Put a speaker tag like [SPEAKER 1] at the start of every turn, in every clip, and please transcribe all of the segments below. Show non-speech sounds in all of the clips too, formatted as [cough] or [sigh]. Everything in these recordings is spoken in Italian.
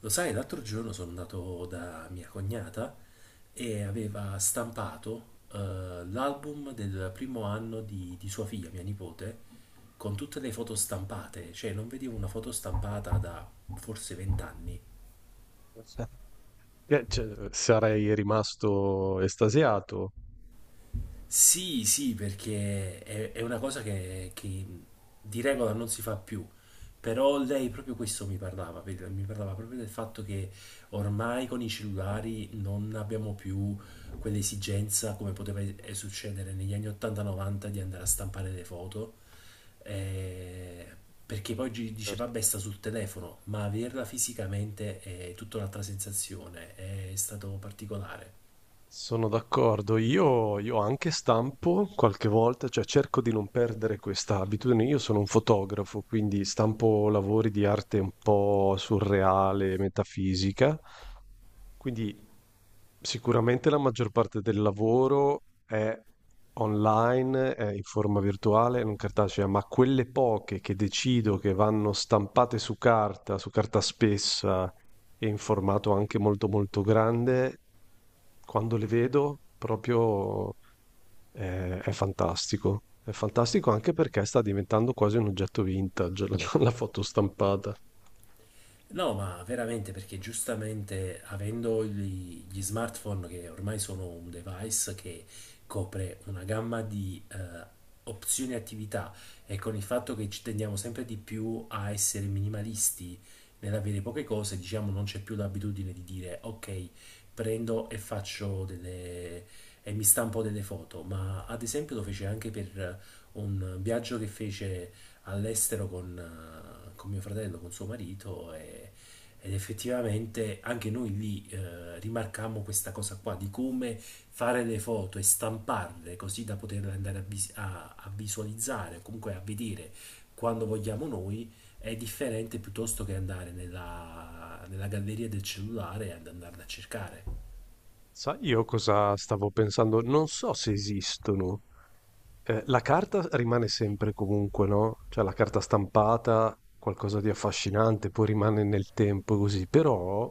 [SPEAKER 1] Lo sai, l'altro giorno sono andato da mia cognata e aveva stampato l'album del primo anno di sua figlia, mia nipote, con tutte le foto stampate, cioè non vedevo una foto stampata da forse vent'anni.
[SPEAKER 2] Cioè, sarei rimasto estasiato,
[SPEAKER 1] Sì, sì, perché è una cosa che di regola non si fa più, però lei proprio questo mi parlava, mi parlava proprio del fatto che ormai con i cellulari non abbiamo più quell'esigenza come poteva succedere negli anni 80-90 di andare a stampare le foto, eh, perché poi dice
[SPEAKER 2] certo.
[SPEAKER 1] vabbè sta sul telefono, ma averla fisicamente è tutta un'altra sensazione, è stato particolare.
[SPEAKER 2] Sono d'accordo. Io anche stampo qualche volta, cioè cerco di non perdere questa abitudine. Io sono un fotografo, quindi stampo lavori di arte un po' surreale, metafisica. Quindi sicuramente la maggior parte del lavoro è online, è in forma virtuale, non cartacea, ma quelle poche che decido che vanno stampate su carta spessa e in formato anche molto molto grande, quando le vedo proprio, è fantastico. È fantastico anche perché sta diventando quasi un oggetto vintage [laughs] la foto stampata.
[SPEAKER 1] No, ma veramente, perché giustamente avendo gli smartphone che ormai sono un device che copre una gamma di opzioni e attività, e con il fatto che ci tendiamo sempre di più a essere minimalisti nell'avere poche cose, diciamo non c'è più l'abitudine di dire ok, prendo e faccio delle... e mi stampo delle foto. Ma ad esempio lo fece anche per un viaggio che fece all'estero con mio fratello, con suo marito ed effettivamente anche noi lì rimarcammo questa cosa qua di come fare le foto e stamparle così da poterle andare a visualizzare o comunque a vedere quando vogliamo noi. È differente piuttosto che andare nella galleria del cellulare e ad andarla a cercare.
[SPEAKER 2] Sai io cosa stavo pensando? Non so se esistono. La carta rimane sempre comunque, no, cioè la carta stampata, qualcosa di affascinante, poi rimane nel tempo così, però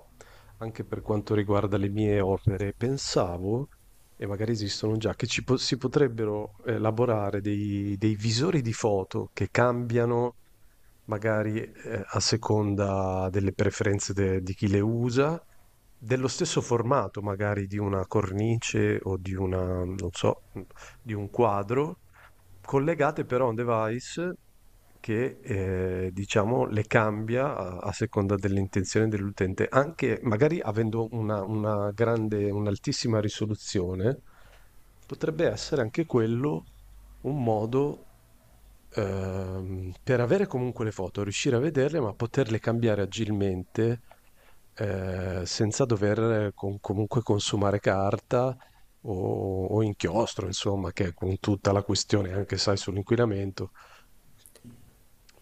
[SPEAKER 2] anche per quanto riguarda le mie opere pensavo, e magari esistono già, che ci po si potrebbero elaborare dei visori di foto che cambiano magari, a seconda delle preferenze de di chi le usa, dello stesso formato magari di una cornice o di una non so, mhmm, di un quadro, collegate però a un device che, diciamo le cambia a seconda dell'intenzione dell'utente, anche magari avendo una grande un'altissima risoluzione. Potrebbe essere anche quello un modo, per avere comunque le foto, riuscire a vederle, ma poterle cambiare agilmente, senza dover con comunque consumare carta o inchiostro, insomma, che è con tutta la questione anche, sai, sull'inquinamento.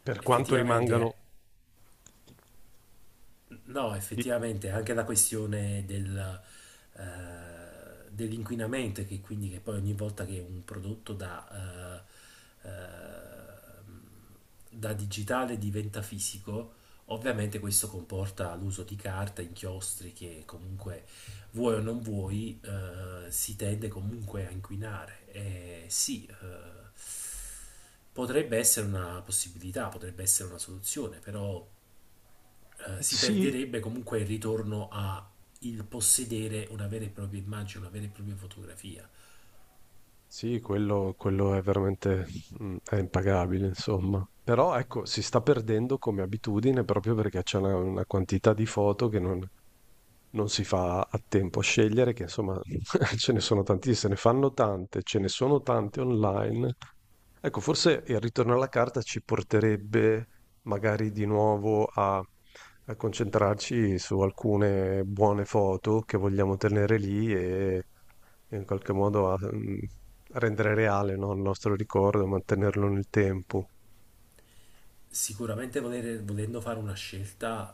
[SPEAKER 2] Per quanto
[SPEAKER 1] Effettivamente,
[SPEAKER 2] rimangano
[SPEAKER 1] no,
[SPEAKER 2] di
[SPEAKER 1] effettivamente anche la questione del, eh, dell'inquinamento, e che quindi, che poi ogni volta che un prodotto da, eh, eh, da digitale diventa fisico, ovviamente questo comporta l'uso di carta, inchiostri che comunque, vuoi o non vuoi, si tende comunque a inquinare. E sì, potrebbe essere una possibilità, potrebbe essere una soluzione, però si
[SPEAKER 2] sì,
[SPEAKER 1] perderebbe comunque il ritorno a il possedere una vera e propria immagine, una vera e propria fotografia.
[SPEAKER 2] sì, quello è veramente mm, è impagabile, insomma. Però ecco, si sta perdendo come abitudine proprio perché c'è una quantità di foto che non si fa a tempo a scegliere, che insomma [laughs] ce ne sono tantissime, se ne fanno tante, ce ne sono tante online. Ecco, forse il ritorno alla carta ci porterebbe magari di nuovo a, a concentrarci su alcune buone foto che vogliamo tenere lì e in qualche modo a, mm, a rendere reale, no, il nostro ricordo, mantenerlo nel tempo.
[SPEAKER 1] Sicuramente volendo fare una scelta,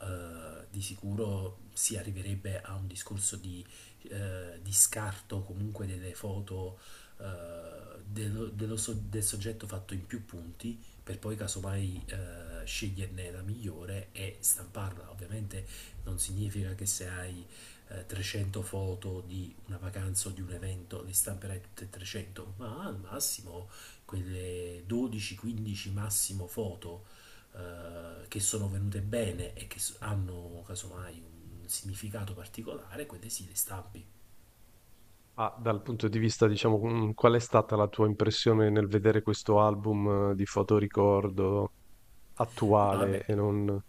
[SPEAKER 1] di sicuro si arriverebbe a un discorso di scarto comunque delle foto, del soggetto fatto in più punti, per poi casomai sceglierne la migliore e stamparla. Ovviamente non significa che se hai 300 foto di una vacanza o di un evento le stamperai tutte e 300, ma al massimo quelle 12-15 massimo foto che sono venute bene e che hanno casomai un significato particolare, quelle sì, le stampi.
[SPEAKER 2] Ah, dal punto di vista, diciamo, mm, qual è stata la tua impressione nel vedere questo album di fotoricordo
[SPEAKER 1] No,
[SPEAKER 2] attuale
[SPEAKER 1] vabbè,
[SPEAKER 2] e non...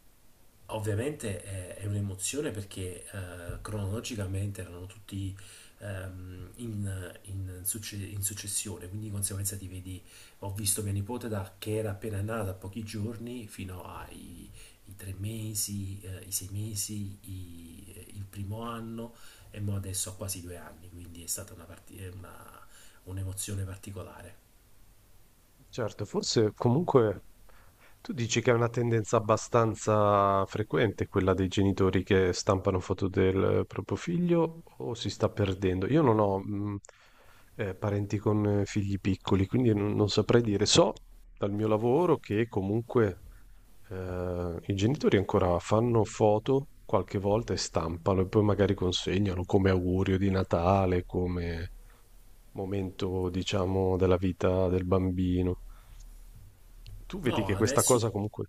[SPEAKER 1] ovviamente è un'emozione, perché cronologicamente erano tutti in successione, quindi di conseguenza ti vedi, ho visto mia nipote da che era appena nata, pochi giorni, fino ai i tre mesi, i sei mesi, il primo anno, e mo adesso ha quasi due anni, quindi è stata una parti- è una- un'emozione particolare.
[SPEAKER 2] Certo, forse comunque tu dici che è una tendenza abbastanza frequente quella dei genitori che stampano foto del proprio figlio o si sta perdendo? Io non ho parenti con figli piccoli, quindi non saprei dire. So dal mio lavoro che comunque i genitori ancora fanno foto qualche volta e stampano e poi magari consegnano come augurio di Natale, come momento, diciamo, della vita del bambino. Tu vedi
[SPEAKER 1] No,
[SPEAKER 2] che questa cosa
[SPEAKER 1] adesso,
[SPEAKER 2] comunque...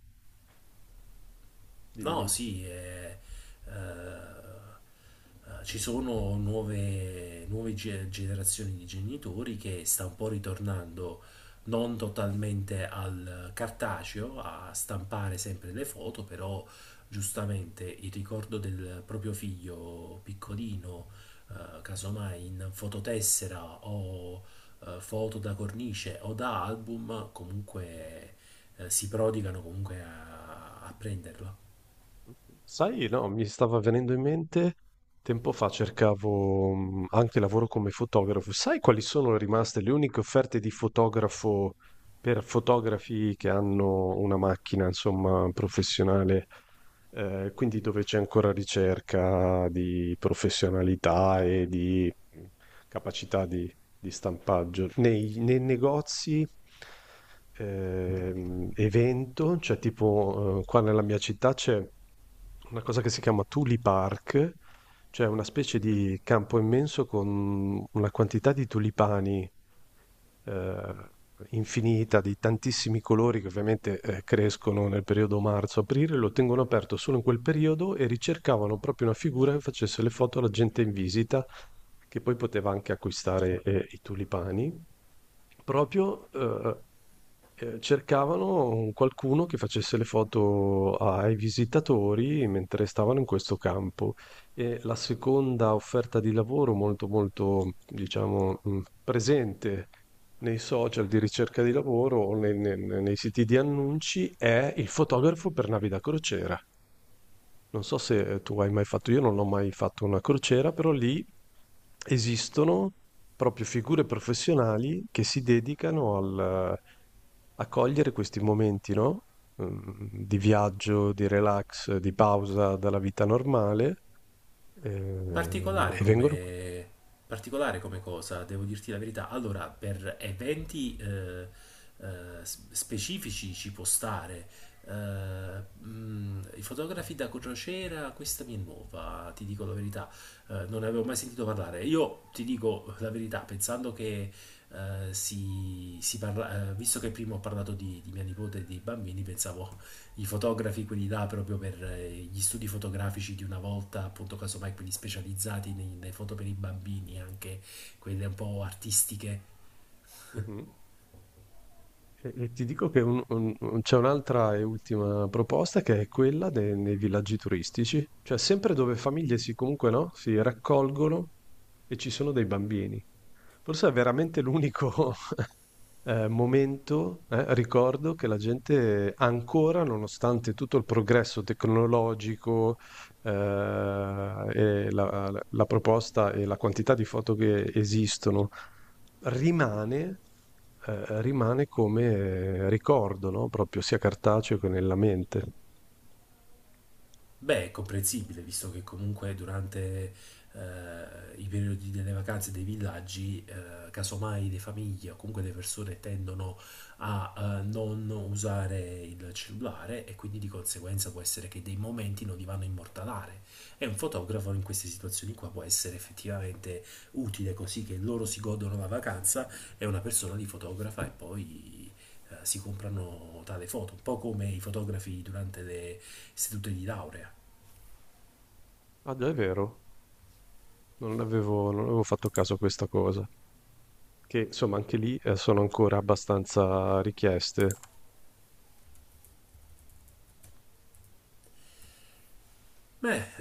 [SPEAKER 2] Dimmi,
[SPEAKER 1] no,
[SPEAKER 2] dimmi.
[SPEAKER 1] sì, eh, ci sono nuove generazioni di genitori che sta un po' ritornando non totalmente al cartaceo, a stampare sempre le foto, però giustamente il ricordo del proprio figlio piccolino, casomai in fototessera o foto da cornice o da album, comunque si prodigano comunque a a prenderlo.
[SPEAKER 2] Mhmm, sai, no, mi stava venendo in mente, tempo fa cercavo anche lavoro come fotografo. Sai quali sono rimaste le uniche offerte di fotografo per fotografi che hanno una macchina, insomma, professionale, quindi dove c'è ancora ricerca di professionalità e di capacità di stampaggio. Nei negozi, evento, cioè tipo, qua nella mia città c'è una cosa che si chiama Tuli Park, cioè una specie di campo immenso con una quantità di tulipani eh, infinita di tantissimi colori che ovviamente crescono nel periodo marzo-aprile, lo tengono aperto solo in quel periodo e ricercavano proprio una figura che facesse le foto alla gente in visita, che poi poteva anche acquistare i tulipani, proprio cercavano un qualcuno che facesse le foto ai visitatori mentre stavano in questo campo. E la seconda offerta di lavoro molto, molto diciamo, mhmm, presente nei social di ricerca di lavoro o ne ne ne nei siti di annunci è il fotografo per navi da crociera. Non so se tu hai mai fatto, io non ho mai fatto una crociera, però lì esistono proprio figure professionali che si dedicano al a cogliere questi momenti, no, mhmm, di viaggio, di relax, di pausa dalla vita normale,
[SPEAKER 1] Particolare
[SPEAKER 2] e vengono
[SPEAKER 1] come, particolare come cosa, devo dirti la verità. Allora, per eventi specifici ci può stare. I fotografi da crociera, questa mi è nuova, ti dico la verità. Non ne avevo mai sentito parlare. Io ti dico la verità, pensando che si, si parla, visto che prima ho parlato di mia nipote e dei bambini, pensavo i fotografi, quelli là proprio per gli studi fotografici di una volta, appunto, casomai quelli specializzati nelle foto per i bambini, anche quelle un po' artistiche.
[SPEAKER 2] mh-mh. E ti dico che un c'è un'altra e ultima proposta che è quella de nei villaggi turistici, cioè sempre dove famiglie comunque, no, si raccolgono e ci sono dei bambini. Forse è veramente l'unico momento, ricordo che la gente ancora, nonostante tutto il progresso tecnologico, e la proposta e la quantità di foto che esistono, rimane rimane come ricordo, no, proprio sia cartaceo che nella mente.
[SPEAKER 1] Beh, è comprensibile, visto che comunque durante eh, i periodi delle vacanze dei villaggi, casomai le famiglie o comunque le persone tendono a non usare il cellulare e quindi di conseguenza può essere che dei momenti non li vanno a immortalare. E un fotografo in queste situazioni qua può essere effettivamente utile, così che loro si godono la vacanza e una persona li fotografa, e poi si comprano tale foto, un po' come i fotografi durante le sedute di laurea.
[SPEAKER 2] Ah già, è vero, non avevo fatto caso a questa cosa, che insomma anche lì, sono ancora abbastanza richieste.
[SPEAKER 1] Beh,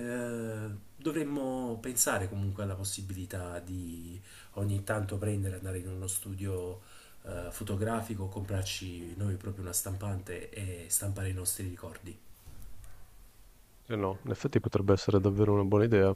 [SPEAKER 1] eh, dovremmo pensare comunque alla possibilità di ogni tanto prendere, andare in uno studio fotografico, comprarci noi proprio una stampante e stampare i nostri ricordi.
[SPEAKER 2] Eh no, in effetti potrebbe essere davvero una buona idea.